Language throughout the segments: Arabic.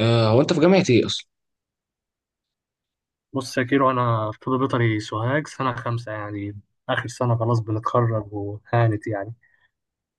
هو انت في جامعة ايه اصلا؟ بص يا كيرو، انا في طب بيطري سوهاج سنة 5 يعني، اخر سنه، خلاص بنتخرج وهانت يعني.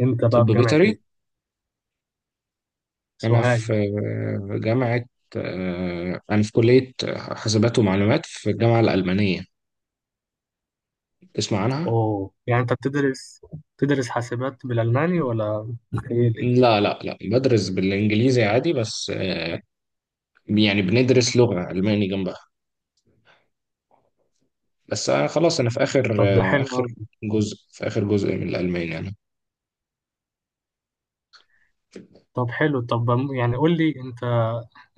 انت بقى طب في جامعه بيطري؟ ايه؟ انا سوهاج. في آه، جامعة آه، انا في كلية حاسبات ومعلومات في الجامعة الألمانية. تسمع عنها؟ اوه، يعني انت بتدرس بتدرس حاسبات بالالماني، ولا متهيألي؟ لا، لا، لا، بدرس بالانجليزي عادي. بس يعني بندرس لغة ألماني جنبها. بس خلاص انا في اخر طب ده آه، حلو اخر أوي. جزء في اخر جزء من الألماني انا. طب حلو، طب يعني قول لي انت،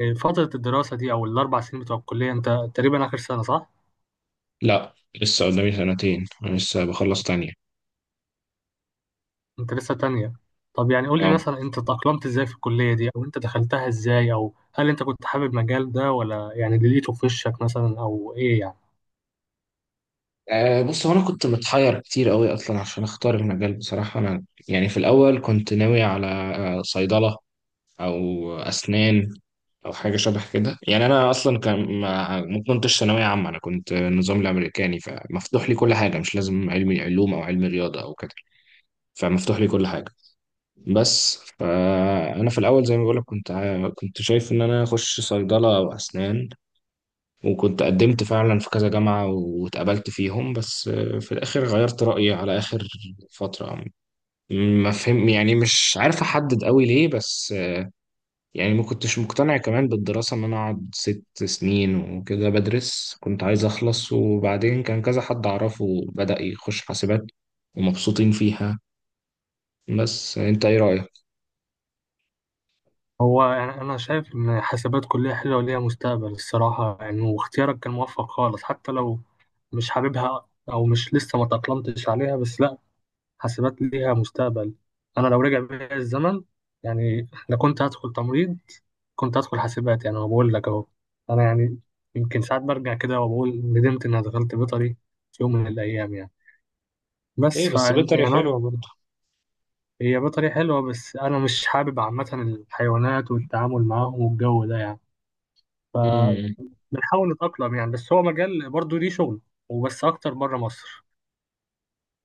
فتره الدراسه دي او ال4 سنين بتوع الكليه، انت تقريبا اخر سنه، صح؟ لا، لسه قدامي سنتين، انا لسه بخلص تانية. انت لسه تانية؟ طب يعني قول لي اه، مثلا، انت تأقلمت ازاي في الكلية دي، او انت دخلتها ازاي، او هل انت كنت حابب المجال ده ولا يعني اللي لقيته في وشك مثلا، او ايه يعني؟ أه، بص، هو انا كنت متحير كتير قوي اصلا عشان اختار المجال بصراحه. انا يعني في الاول كنت ناوي على صيدله، او اسنان، او حاجه شبه كده. يعني انا اصلا كان ما كنتش ثانويه عامه، انا كنت النظام الامريكاني، فمفتوح لي كل حاجه، مش لازم علمي علوم او علمي رياضه او كده. فمفتوح لي كل حاجه. بس فانا في الاول زي ما بقولك كنت شايف ان انا اخش صيدله او اسنان، وكنت قدمت فعلا في كذا جامعة واتقبلت فيهم. بس في الآخر غيرت رأيي على آخر فترة. ما فهم يعني مش عارف أحدد قوي ليه، بس يعني ما كنتش مقتنع كمان بالدراسة إن أنا أقعد 6 سنين وكده بدرس. كنت عايز أخلص، وبعدين كان كذا حد أعرفه بدأ يخش حاسبات ومبسوطين فيها. بس أنت إيه رأيك؟ هو يعني أنا شايف إن حاسبات كلية حلوة وليها مستقبل الصراحة يعني، واختيارك كان موفق خالص. حتى لو مش حاببها، أو مش لسه ما تأقلمتش عليها، بس لأ، حاسبات ليها مستقبل. أنا لو رجع بيا الزمن، يعني لو كنت هدخل تمريض، كنت هدخل حاسبات. يعني أنا بقول لك أهو، أنا يعني يمكن ساعات برجع كده وبقول ندمت إني دخلت بيطري في يوم من الأيام يعني. بس إيه، ف بس يعني بيطري حلوة برضه. هي بيطري حلوة، بس أنا مش حابب عامة الحيوانات والتعامل معاهم والجو ده يعني. امم. بنحاول نتأقلم يعني، بس هو مجال برضه ليه شغل، وبس أكتر بره مصر.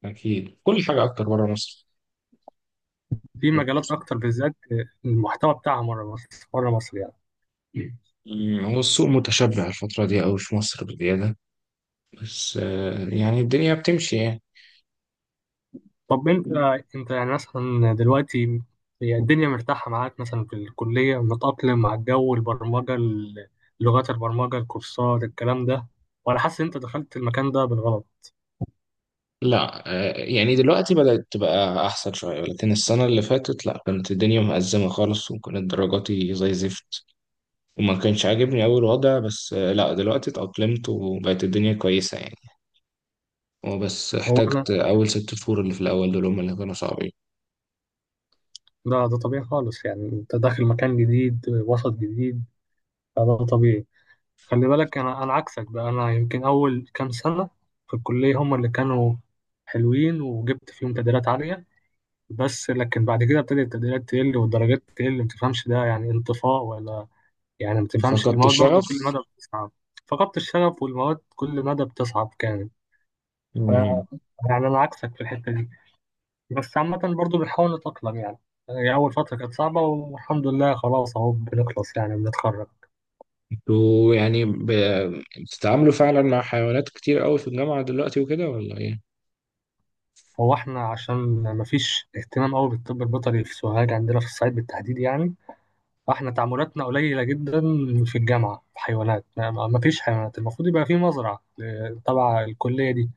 أكيد، كل حاجة أكتر بره مصر. في مجالات أكتر بالذات المحتوى بتاعها بره مصر، بره مصر يعني. هو السوق متشبع الفترة دي أوي في مصر بزيادة، بس يعني الدنيا بتمشي يعني. طب أنت يعني مثلا دلوقتي، هي الدنيا مرتاحة معاك مثلا في الكلية، متأقلم مع الجو، البرمجة، لغات البرمجة، الكورسات، الكلام ده؟ وأنا حاسس إن أنت دخلت المكان ده بالغلط. لا، يعني دلوقتي بدأت تبقى أحسن شوية، لكن السنة اللي فاتت لا، كانت الدنيا مأزمة خالص، وكانت درجاتي زي زفت، وما كانش عاجبني أول وضع، بس لا، دلوقتي اتأقلمت وبقت الدنيا كويسة يعني. هو بس هو أنا احتجت أول 6 شهور، اللي في الأول دول هم اللي كانوا صعبين. ده طبيعي خالص يعني. أنت داخل مكان جديد، وسط جديد، فده طبيعي. خلي بالك، انا عكسك بقى، انا يمكن اول كام سنه في الكليه هم اللي كانوا حلوين، وجبت فيهم تقديرات عاليه. بس لكن بعد كده ابتدت التقديرات تقل والدرجات تقل. ما تفهمش ده يعني انطفاء ولا يعني ما تفهمش فقدت المواد برضو كل الشغف. مدى بتصعب؟ فقدت الشغف، والمواد كل مدى بتصعب كانت. ف- مم. يعني انا عكسك في الحته دي، بس عامه برضو بنحاول نتاقلم يعني. يعني اول فتره كانت صعبه، والحمد لله خلاص اهو بنخلص، يعني بنتخرج. انتوا يعني بتتعاملوا فعلا مع حيوانات كتير أوي في الجامعة دلوقتي وكده، ولا إيه؟ هو احنا عشان مفيش اهتمام قوي بالطب البيطري في سوهاج عندنا في الصعيد بالتحديد يعني، فاحنا تعاملاتنا قليلة جدا. في الجامعة في حيوانات، مفيش حيوانات. المفروض يبقى في مزرعة تبع الكلية دي،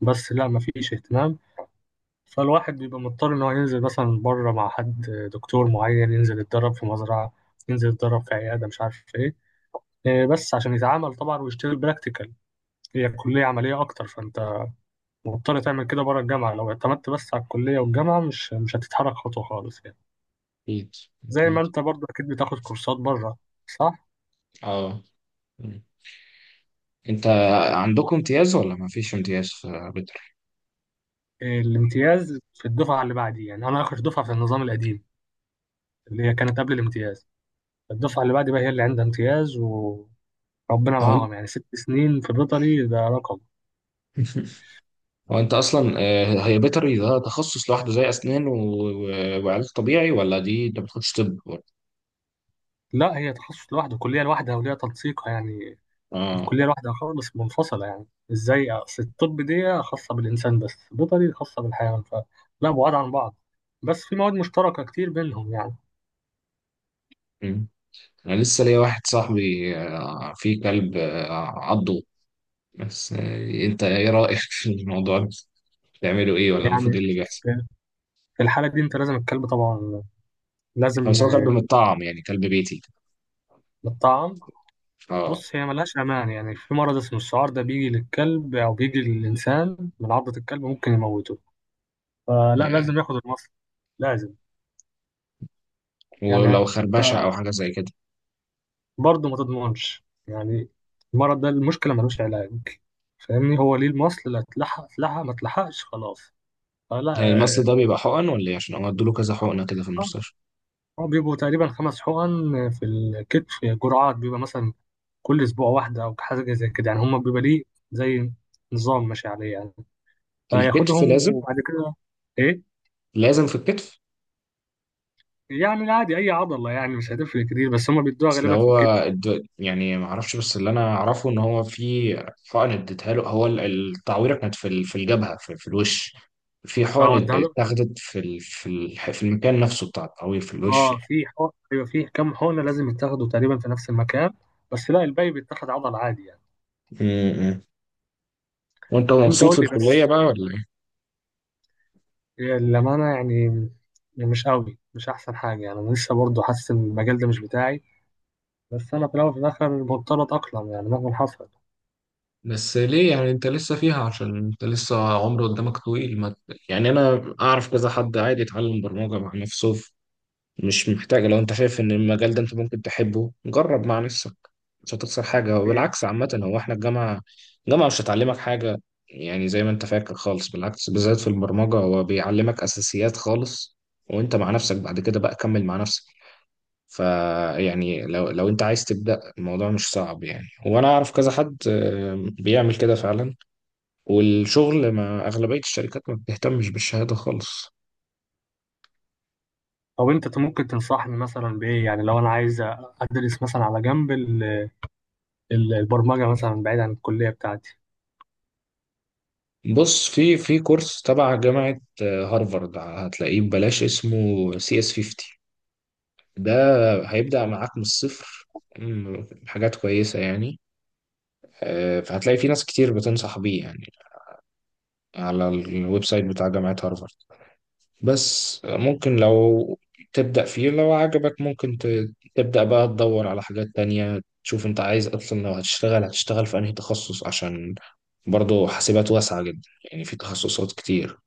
بس لا مفيش اهتمام. فالواحد بيبقى مضطر ان هو ينزل مثلا بره مع حد، دكتور معين، ينزل يتدرب في مزرعة، ينزل يتدرب في عيادة، مش عارف ايه. بس عشان يتعامل طبعا ويشتغل براكتيكال. هي كلية عملية أكتر، فأنت مضطر تعمل كده بره الجامعة. لو اعتمدت بس على الكلية والجامعة، مش هتتحرك خطوة خالص يعني. أكيد. زي ما أكيد. انت برضه اكيد بتاخد كورسات بره، صح؟ أه. مم. أنت عندكم امتياز ولا ما فيش امتياز في بيطري؟ الامتياز في الدفعة اللي بعدي. يعني انا اخر دفعة في النظام القديم، اللي هي كانت قبل الامتياز. الدفعة اللي بعدي بقى هي اللي عندها امتياز، وربنا هو أنت معاهم، يعني 6 سنين في بيطري ده رقم. هو أنت أصلا هي بيطري ده تخصص لوحده زي أسنان وعلاج طبيعي، ولا دي أنت ما بتاخدش طب؟ لا، هي تخصص لوحده، كلية لوحدها، وليها تنسيقها يعني. أه. كلية لوحدها خالص منفصلة يعني. ازاي؟ اصل الطب دي خاصة بالإنسان، بس بيطري خاصة بالحيوان، فلا بعاد عن بعض. بس في مواد مشتركة كتير بينهم يعني. مم. أنا لسه ليا واحد صاحبي فيه كلب عضه، بس أنت إيه رأيك في الموضوع ده؟ بتعملوا إيه، ولا المفروض إيه يعني اللي بيحصل؟ في، في الحالة دي انت لازم الكلب طبعا لازم، بس هو كلب متطعم، يعني كلب بيتي. يتطعم. أه. بص، هي ملهاش أمان. يعني في مرض اسمه السعار، ده بيجي للكلب أو بيجي للإنسان من عضة الكلب، ممكن يموته. فلا، يعني لازم ياخد المصل، لازم. ولو يعني خربشة أو حاجة زي كده. برضه ما تضمنش يعني، المرض ده المشكلة ملوش علاج، فاهمني؟ هو ليه المصل، لا اتلحق اتلحق، ما اتلحقش خلاص. فلا يعني المصل ده بيبقى حقن ولا ايه؟ عشان هو ادوله كذا حقنه كده في المستشفى. هو بيبقوا تقريبا 5 حقن في الكتف، جرعات، بيبقى مثلا كل أسبوع واحدة أو حاجة زي كده يعني. هما بيبقى ليه زي نظام ماشي عليه يعني، الكتف فياخدهم لازم؟ وبعد كده. إيه؟ لازم في الكتف. يعني عادي أي عضلة، يعني مش هتفرق كتير، بس هما بيدوها بس اللي غالبا في هو الكتف. يعني ما اعرفش، بس اللي انا اعرفه ان هو في حقن اديتها له، هو التعويره كانت في الجبهه، في الوش، في حقن اه ده، اتاخدت في المكان نفسه بتاع التعوير في الوش اه يعني. في حقن، ايوه، في كام حقنه لازم يتاخدوا تقريبا في نفس المكان، بس لا الباقي بيتاخد عضل عادي يعني. م- م. وانت انت مبسوط قول في لي الكليه بس. بقى، ولا ايه؟ هي الامانه يعني مش قوي، مش احسن حاجه يعني. انا لسه برضه حاسس ان المجال ده مش بتاعي، بس انا في الاول وفي الاخر مضطر اتاقلم يعني مهما حصل. بس ليه يعني انت لسه فيها؟ عشان انت لسه عمر قدامك طويل، ما يعني انا اعرف كذا حد عادي اتعلم برمجه مع نفسه. مش محتاج، لو انت شايف ان المجال ده انت ممكن تحبه، جرب مع نفسك. مش هتخسر حاجة، إيه، وبالعكس. عامة هو احنا الجامعة مش هتعلمك حاجة يعني، زي ما انت فاكر خالص بالعكس. بالذات في البرمجة هو بيعلمك اساسيات خالص، وانت مع نفسك بعد كده بقى كمل مع نفسك. فيعني لو انت عايز تبدأ، الموضوع مش صعب يعني. وانا اعرف كذا حد بيعمل كده فعلا. والشغل ما اغلبية الشركات ما بتهتمش بالشهادة خالص. طب انت ممكن تنصحني مثلا بايه يعني، لو انا عايز ادرس مثلا على جنب البرمجه مثلا بعيد عن الكليه بتاعتي؟ بص في كورس تبع جامعة هارفارد، هتلاقيه ببلاش، اسمه CS50. ده هيبدأ معاك من الصفر. حاجات كويسة يعني. فهتلاقي في ناس كتير بتنصح بيه يعني، على الويب سايت بتاع جامعة هارفارد. بس ممكن لو تبدأ فيه، لو عجبك ممكن تبدأ بقى تدور على حاجات تانية، تشوف انت عايز اصلا لو هتشتغل، هتشتغل في انهي تخصص، عشان برضه حاسبات واسعة جدا، يعني في تخصصات كتير.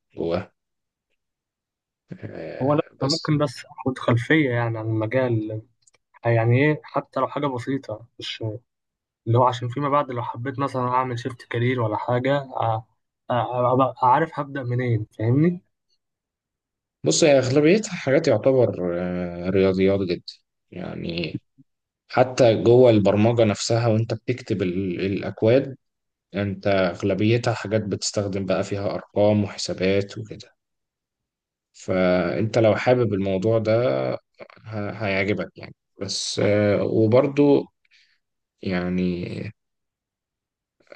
هو لا، انا بس ممكن بس اخد خلفيه يعني عن المجال، يعني ايه، حتى لو حاجه بسيطه. مش اللي هو عشان فيما بعد لو حبيت مثلا اعمل شيفت كارير ولا حاجه، أبقى عارف هبدا منين، فاهمني؟ بص هي أغلبيتها حاجات يعتبر رياضيات جدا يعني. حتى جوه البرمجة نفسها وأنت بتكتب الأكواد، أنت أغلبيتها حاجات بتستخدم بقى فيها أرقام وحسابات وكده. فأنت لو حابب الموضوع ده هيعجبك يعني. بس وبرضو يعني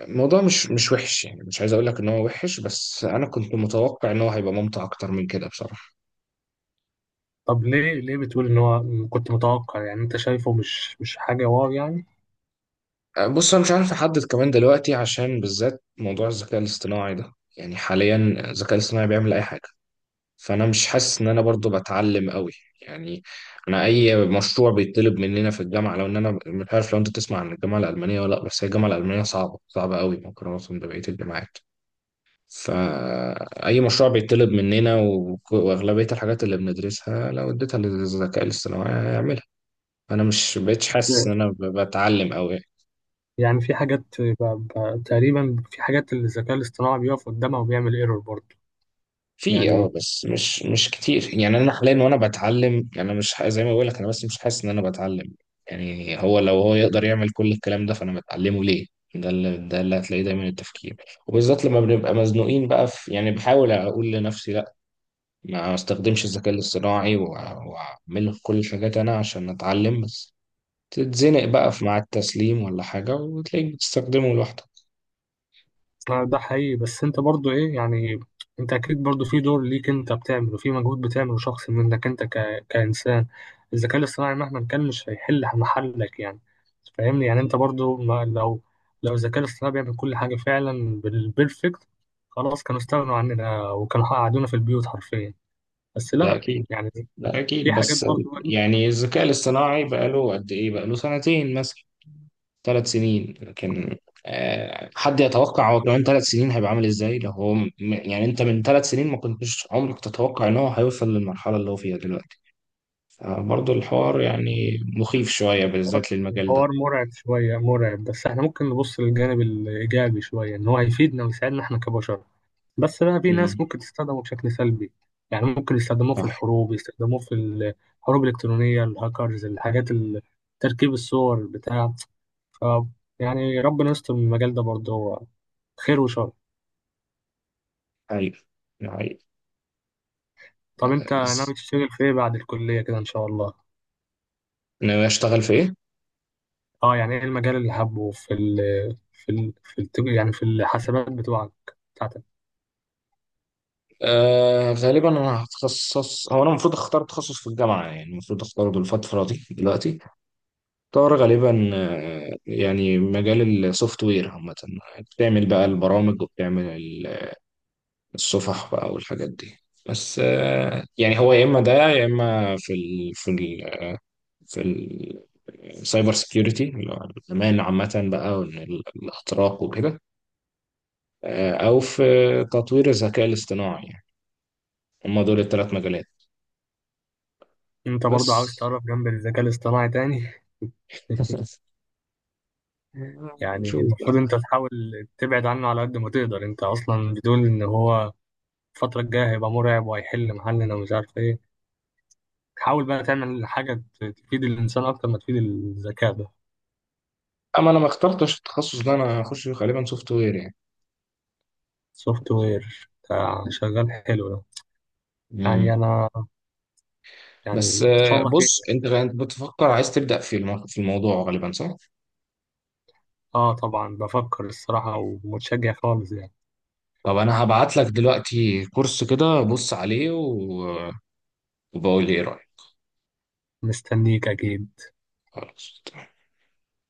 الموضوع مش وحش، يعني مش عايز أقول لك إن هو وحش، بس أنا كنت متوقع إن هو هيبقى ممتع أكتر من كده بصراحة. طب ليه بتقول ان هو كنت متوقع يعني، انت شايفه مش، مش حاجه واو يعني؟ بص انا مش عارف احدد كمان دلوقتي، عشان بالذات موضوع الذكاء الاصطناعي ده يعني حاليا الذكاء الاصطناعي بيعمل اي حاجه. فانا مش حاسس ان انا برضو بتعلم قوي يعني. انا اي مشروع بيطلب مننا في الجامعه، لو ان انا مش عارف، لو انت تسمع عن الجامعه الالمانيه ولا لا، بس هي الجامعه الالمانيه صعبه صعبه قوي مقارنه ببقيه الجامعات. فاي مشروع بيطلب مننا، واغلبيه الحاجات اللي بندرسها لو اديتها للذكاء الاصطناعي هيعملها. انا مش بقتش حاسس ان انا بتعلم قوي. يعني في حاجات تقريبا، في حاجات اللي الذكاء الاصطناعي بيقف قدامها وبيعمل ايرور برضه؟ في اه، يعني بس مش كتير يعني. انا حاليا وانا بتعلم، يعني انا مش زي ما بقول لك انا، بس مش حاسس ان انا بتعلم. يعني هو، لو هو يقدر يعمل كل الكلام ده، فانا بتعلمه ليه؟ ده اللي هتلاقيه دايما، التفكير. وبالذات لما بنبقى مزنوقين بقى في، يعني بحاول اقول لنفسي لا، ما استخدمش الذكاء الاصطناعي واعمل كل الحاجات انا عشان اتعلم. بس تتزنق بقى في مع التسليم ولا حاجة، وتلاقيك بتستخدمه لوحدك. ده حقيقي، بس انت برضو ايه يعني؟ انت اكيد برضو في دور ليك انت بتعمله، في مجهود بتعمله شخص منك انت كإنسان. الذكاء الاصطناعي مهما كان مش هيحل محلك يعني، فاهمني؟ يعني انت برضو ما، لو الذكاء الاصطناعي بيعمل كل حاجة فعلا بالبيرفكت، خلاص كانوا استغنوا عننا وكانوا قعدونا في البيوت حرفيا. بس ده لا اكيد. يعني، ده في اكيد، حاجات بس برضو انت. يعني الذكاء الاصطناعي بقاله قد ايه؟ بقاله سنتين مثلا، 3 سنين. لكن حد يتوقع هو كمان 3 سنين هيبقى عامل ازاي؟ لو هو يعني انت من 3 سنين ما كنتش عمرك تتوقع ان هو هيوصل للمرحلة اللي هو فيها دلوقتي. فبرضه الحوار يعني مخيف شوية الحوار، بالذات للمجال ده. الحوار مرعب شوية، مرعب، بس احنا ممكن نبص للجانب الإيجابي شوية، ان هو هيفيدنا ويساعدنا احنا كبشر، بس بقى في ناس امم. ممكن تستخدمه بشكل سلبي يعني. ممكن يستخدموه في صح. الحروب، يستخدموه في الحروب الإلكترونية، الهاكرز، الحاجات تركيب الصور بتاع. ف يعني ربنا يستر من المجال ده برضه، هو خير وشر. حقيقي. حقيقي. طب انت بس ناوي تشتغل في ايه بعد الكلية كده ان شاء الله؟ انا اشتغل في ايه؟ اه، يعني ايه المجال اللي حابه في ال في ال في الت- يعني في الحسابات بتوعك بتاعتك؟ غالبا انا هتخصص، هو انا المفروض اختار تخصص في الجامعة، يعني المفروض اختاره الفترة دي دلوقتي. طار غالبا يعني مجال السوفت وير عامة، بتعمل بقى البرامج وبتعمل الصفح بقى والحاجات دي. بس يعني هو يا إما ده، يا إما في السايبر سكيورتي، اللي هو الأمان عامة بقى، وإن الأطراق وكده. أو في تطوير الذكاء الاصطناعي يعني. هما دول الثلاث مجالات. انت بس برضه عاوز تقرب جنب الذكاء الاصطناعي تاني؟ يعني نشوف المفروض بقى. انت تحاول تبعد عنه على قد ما تقدر. انت اصلا بتقول ان هو الفترة الجاية هيبقى مرعب وهيحل محلنا ومش عارف ايه. حاول بقى تعمل حاجة تفيد الانسان اكتر ما تفيد الذكاء ده. أما أنا ما اخترتش التخصص ده. أنا هخش غالبا سوفت وير يعني. سوفت وير بتاع شغال حلو ده. مم. يعني انا، يعني بس ان شاء الله خير. بص انت بتفكر عايز تبدأ في في الموضوع غالبا، صح؟ اه طبعا بفكر الصراحة، ومتشجع خالص يعني. طب انا هبعت لك دلوقتي كورس كده، بص عليه وبقول لي ايه رأيك. مستنيك اكيد. خلاص.